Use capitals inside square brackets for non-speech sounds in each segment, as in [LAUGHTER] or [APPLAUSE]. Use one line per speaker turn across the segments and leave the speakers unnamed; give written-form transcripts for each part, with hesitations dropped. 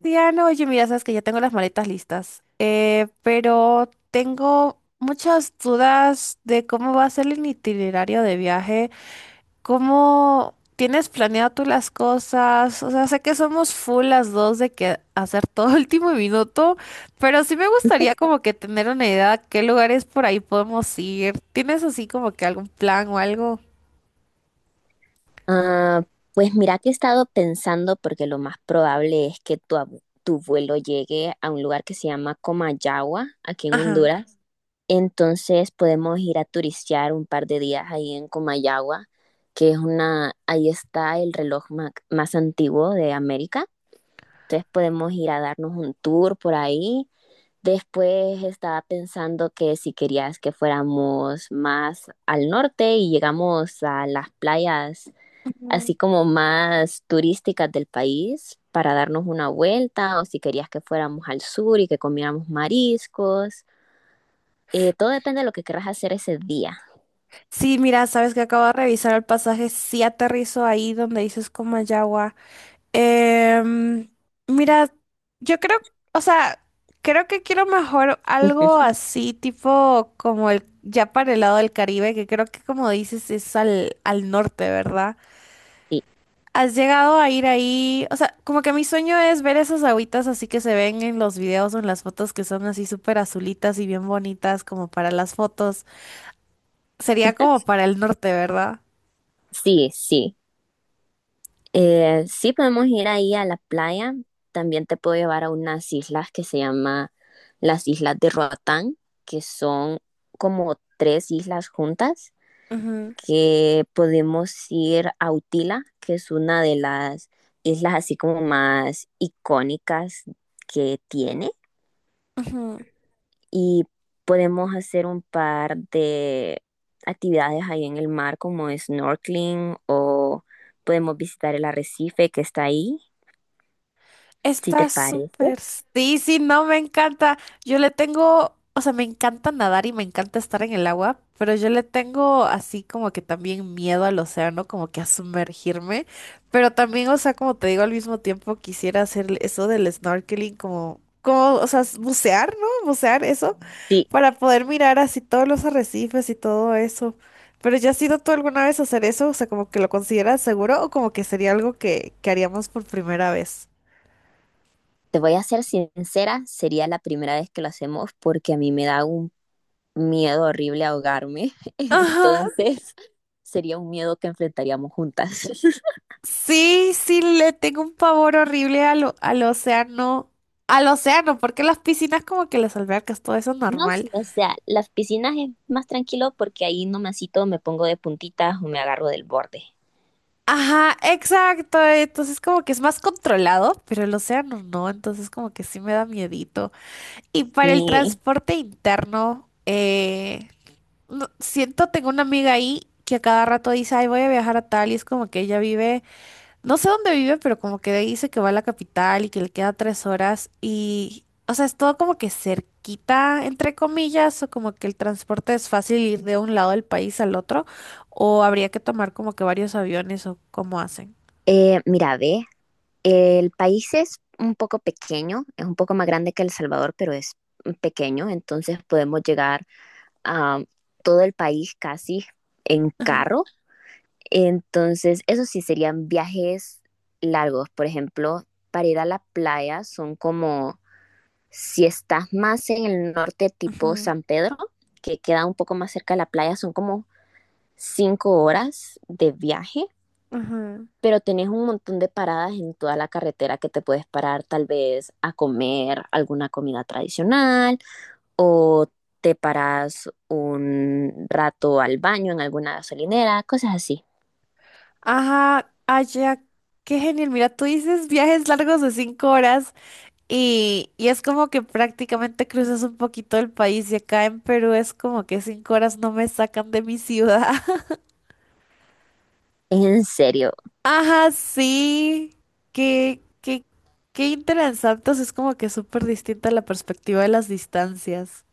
Diana, oye, mira, sabes que ya tengo las maletas listas, pero tengo muchas dudas de cómo va a ser el itinerario de viaje, cómo tienes planeado tú las cosas, o sea, sé que somos full las dos de que hacer todo [LAUGHS] último minuto, pero sí me gustaría como que tener una idea de qué lugares por ahí podemos ir. ¿Tienes así como que algún plan o algo?
Ah, pues mira que he estado pensando porque lo más probable es que tu vuelo llegue a un lugar que se llama Comayagua, aquí en
Ajá.
Honduras. Entonces podemos ir a turistear un par de días ahí en Comayagua, que es ahí está el reloj más antiguo de América. Entonces podemos ir a darnos un tour por ahí. Después estaba pensando que si querías que fuéramos más al norte y llegamos a las playas
Ujú.
así como más turísticas del país para darnos una vuelta o si querías que fuéramos al sur y que comiéramos mariscos. Todo depende de lo que querrás hacer ese día.
Sí, mira, sabes que acabo de revisar el pasaje, sí aterrizo ahí donde dices Comayagua. Em, mira, yo creo, o sea, creo que quiero mejor algo
[LAUGHS]
así, tipo como el ya para el lado del Caribe, que creo que como dices es al norte, ¿verdad?
Sí,
¿Has llegado a ir ahí? O sea, como que mi sueño es ver esas agüitas así que se ven en los videos o en las fotos que son así súper azulitas y bien bonitas como para las fotos. Sería como para el norte, ¿verdad?
sí, sí. Sí podemos ir ahí a la playa. También te puedo llevar a unas islas que se llama las Islas de Roatán, que son como tres islas juntas
Ujú,
que podemos ir a Utila, que es una de las islas así como más icónicas que tiene
ujú.
y podemos hacer un par de actividades ahí en el mar como snorkeling o podemos visitar el arrecife que está ahí, si te
Está
parece.
súper. Sí, sí, no, me encanta. Yo le tengo, o sea, me encanta nadar y me encanta estar en el agua, pero yo le tengo así como que también miedo al océano, como que a sumergirme. Pero también, o sea, como te digo, al mismo tiempo quisiera hacer eso del snorkeling, o sea, bucear, ¿no? Bucear eso,
Sí,
para poder mirar así todos los arrecifes y todo eso. Pero ¿ya has ido tú alguna vez a hacer eso? O sea, como que lo consideras seguro o como que sería algo que haríamos por primera vez.
te voy a ser sincera, sería la primera vez que lo hacemos porque a mí me da un miedo horrible a ahogarme, [LAUGHS]
Ajá,
entonces sería un miedo que enfrentaríamos juntas. [LAUGHS]
sí, sí, le tengo un pavor horrible al océano. Al océano, porque las piscinas como que las albercas, todo eso es
No,
normal.
sí, o sea, las piscinas es más tranquilo porque ahí nomásito me pongo de puntitas o me agarro del borde.
Ajá, exacto. Entonces como que es más controlado, pero el océano no, entonces como que sí me da miedito. Y para el
Sí.
transporte interno, siento, tengo una amiga ahí que a cada rato dice, ay, voy a viajar a tal, y es como que ella vive. No sé dónde vive, pero como que dice que va a la capital y que le queda 3 horas y, o sea, es todo como que cerquita, entre comillas, o como que el transporte es fácil ir de un lado del país al otro, o habría que tomar como que varios aviones o cómo hacen.
Mira, ve, el país es un poco pequeño, es un poco más grande que El Salvador, pero es pequeño, entonces podemos llegar a todo el país casi en
Ajá,
carro. Entonces, eso sí serían viajes largos. Por ejemplo, para ir a la playa son como, si estás más en el norte tipo
ajá,
San Pedro, que queda un poco más cerca de la playa, son como 5 horas de viaje,
ajá.
pero tenés un montón de paradas en toda la carretera que te puedes parar tal vez a comer alguna comida tradicional o te paras un rato al baño en alguna gasolinera, cosas así.
Ajá, allá, qué genial. Mira, tú dices viajes largos de 5 horas y es como que prácticamente cruzas un poquito el país y acá en Perú es como que 5 horas no me sacan de mi ciudad.
¿En serio?
Ajá, sí. Qué, qué, qué interesantes. Es como que súper distinta la perspectiva de las distancias.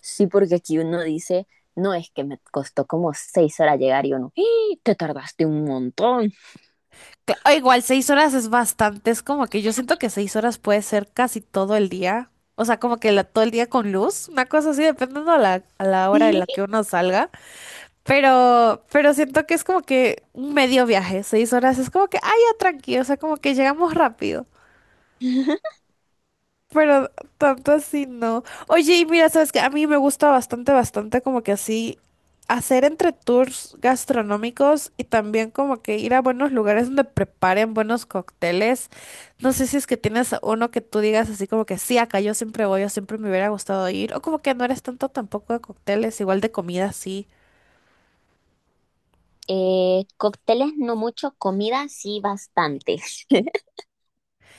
Sí, porque aquí uno dice, no, es que me costó como 6 horas llegar y uno, ¡ih! Te tardaste un montón.
Cla- o igual, 6 horas es bastante. Es como que yo siento que 6 horas puede ser casi todo el día. O sea, como que la, todo el día con luz. Una cosa así, dependiendo a a la hora en la
Sí.
que uno salga. Pero siento que es como que un medio viaje. Seis horas es como que, ay, ya tranquilo. O sea, como que llegamos rápido.
[LAUGHS]
Pero tanto así no. Oye, y mira, sabes que a mí me gusta bastante, bastante como que así hacer entre tours gastronómicos y también como que ir a buenos lugares donde preparen buenos cócteles. No sé si es que tienes uno que tú digas así como que sí, acá yo siempre voy, yo siempre me hubiera gustado ir. O como que no eres tanto tampoco de cócteles, igual de comida sí.
Cócteles no mucho, comida sí bastante. [LAUGHS]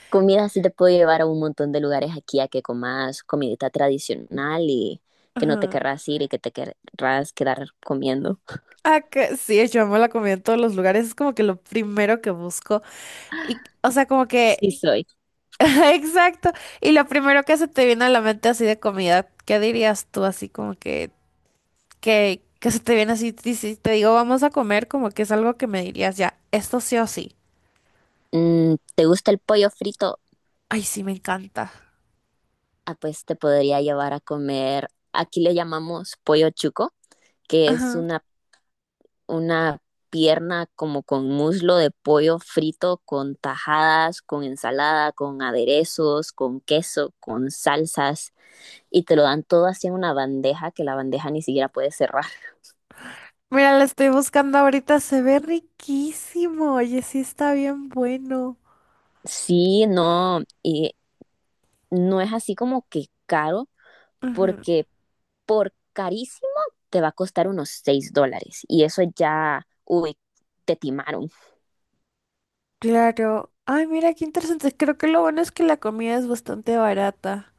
Comida sí te puedo llevar a un montón de lugares aquí a que comas comidita tradicional y que no te
Ajá.
querrás ir y que te querrás quedar comiendo.
Ah, que sí, yo amo la comida en todos los lugares, es como que lo primero que busco. Y, o sea, como que
Sí soy.
[LAUGHS] exacto. Y lo primero que se te viene a la mente así de comida, ¿qué dirías tú así como que, que se te viene así, y si te digo vamos a comer, como que es algo que me dirías ya, esto sí o sí.
¿Te gusta el pollo frito?
Ay, sí, me encanta.
Ah, pues te podría llevar a comer, aquí le llamamos pollo chuco, que es
Ajá.
una una pierna como con muslo de pollo frito, con tajadas, con ensalada, con aderezos, con queso, con salsas, y te lo dan todo así en una bandeja que la bandeja ni siquiera puede cerrar.
Mira, la estoy buscando ahorita, se ve riquísimo. Oye, sí está bien bueno.
Sí, no, y no es así como que caro,
Ujú.
porque por carísimo te va a costar unos $6, y eso ya, uy, te timaron.
Claro. Ay, mira, qué interesante. Creo que lo bueno es que la comida es bastante barata.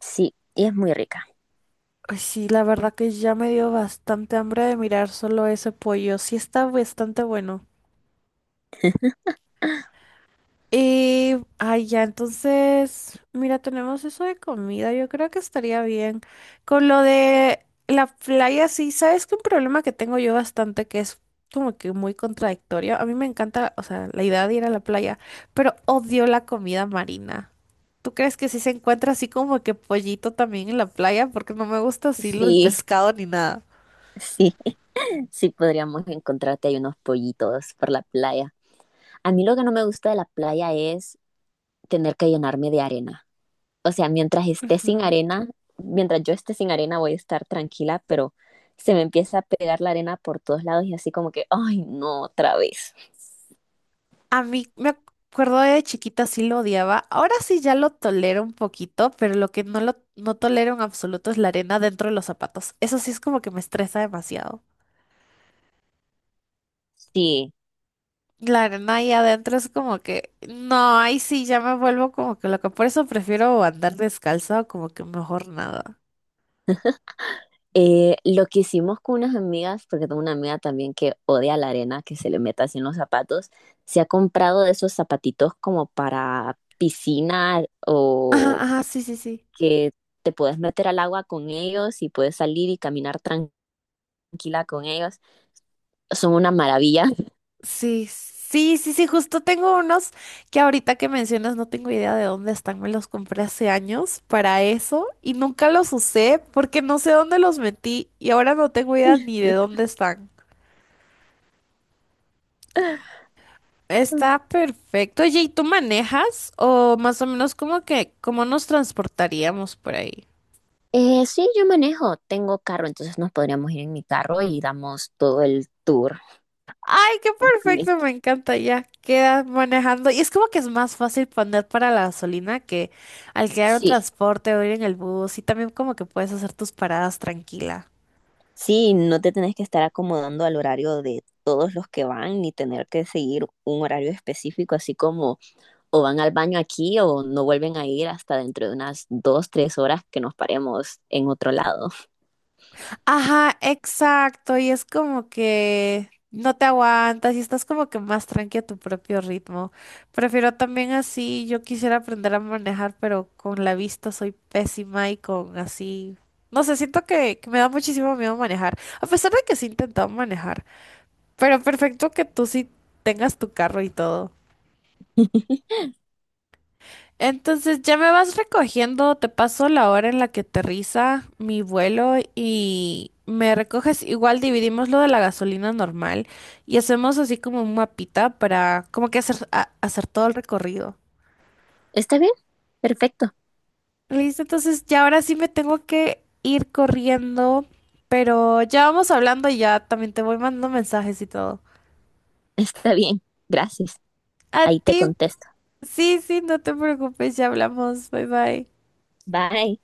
Sí, y es muy rica.
Ay, sí, la verdad que ya me dio bastante hambre de mirar solo ese pollo. Sí está bastante bueno. Y, ay, ya, entonces, mira, tenemos eso de comida. Yo creo que estaría bien. Con lo de la playa, sí, sabes que un problema que tengo yo bastante, que es como que muy contradictorio. A mí me encanta, o sea, la idea de ir a la playa, pero odio la comida marina. ¿Tú crees que si se encuentra así como que pollito también en la playa? Porque no me gusta así lo del
Sí,
pescado ni nada.
sí. Sí, podríamos encontrarte ahí unos pollitos por la playa. A mí lo que no me gusta de la playa es tener que llenarme de arena. O sea, mientras esté sin
Ujú.
arena, mientras yo esté sin arena voy a estar tranquila, pero se me empieza a pegar la arena por todos lados y así como que, ay, no, otra vez.
A mí me acuerdo de chiquita sí lo odiaba. Ahora sí ya lo tolero un poquito, pero lo que no tolero en absoluto es la arena dentro de los zapatos. Eso sí es como que me estresa demasiado.
Sí,
La arena ahí adentro es como que no, ahí sí ya me vuelvo como que loca. Por eso prefiero andar descalza o como que mejor nada.
lo que hicimos con unas amigas, porque tengo una amiga también que odia la arena, que se le meta así en los zapatos, se ha comprado de esos zapatitos como para piscina
Ajá,
o
ajá, sí, sí, sí.
que te puedes meter al agua con ellos y puedes salir y caminar tranquila con ellos. Son una maravilla.
Sí, sí, sí, sí, justo tengo unos que ahorita que mencionas no tengo idea de dónde están, me los compré hace años para eso y nunca los usé porque no sé dónde los metí y ahora no tengo idea ni de dónde
[LAUGHS]
están. Está perfecto. Oye, ¿y tú manejas o más o menos como que cómo nos transportaríamos por ahí?
Sí, yo manejo, tengo carro, entonces nos podríamos ir en mi carro y damos todo el tour
Ay, qué perfecto,
completo.
me encanta ya. Quedas manejando. Y es como que es más fácil poner para la gasolina que alquilar un
Sí,
transporte o ir en el bus. Y también como que puedes hacer tus paradas tranquila.
sí, no te tenés que estar acomodando al horario de todos los que van ni tener que seguir un horario específico, así como o van al baño aquí o no vuelven a ir hasta dentro de unas 2, 3 horas que nos paremos en otro lado.
Ajá, exacto. Y es como que no te aguantas y estás como que más tranqui a tu propio ritmo. Prefiero también así. Yo quisiera aprender a manejar, pero con la vista soy pésima y con así. No sé, siento que me da muchísimo miedo manejar. A pesar de que sí he intentado manejar. Pero perfecto que tú sí tengas tu carro y todo. Entonces ya me vas recogiendo, te paso la hora en la que aterriza mi vuelo y me recoges. Igual dividimos lo de la gasolina normal y hacemos así como un mapita para como que hacer, hacer todo el recorrido.
¿Está bien? Perfecto.
Listo, entonces ya ahora sí me tengo que ir corriendo, pero ya vamos hablando y ya también te voy mandando mensajes y todo.
Está bien, gracias.
A
Ahí te
ti,
contesto.
sí, sí, no te preocupes, ya hablamos, bye bye.
Bye.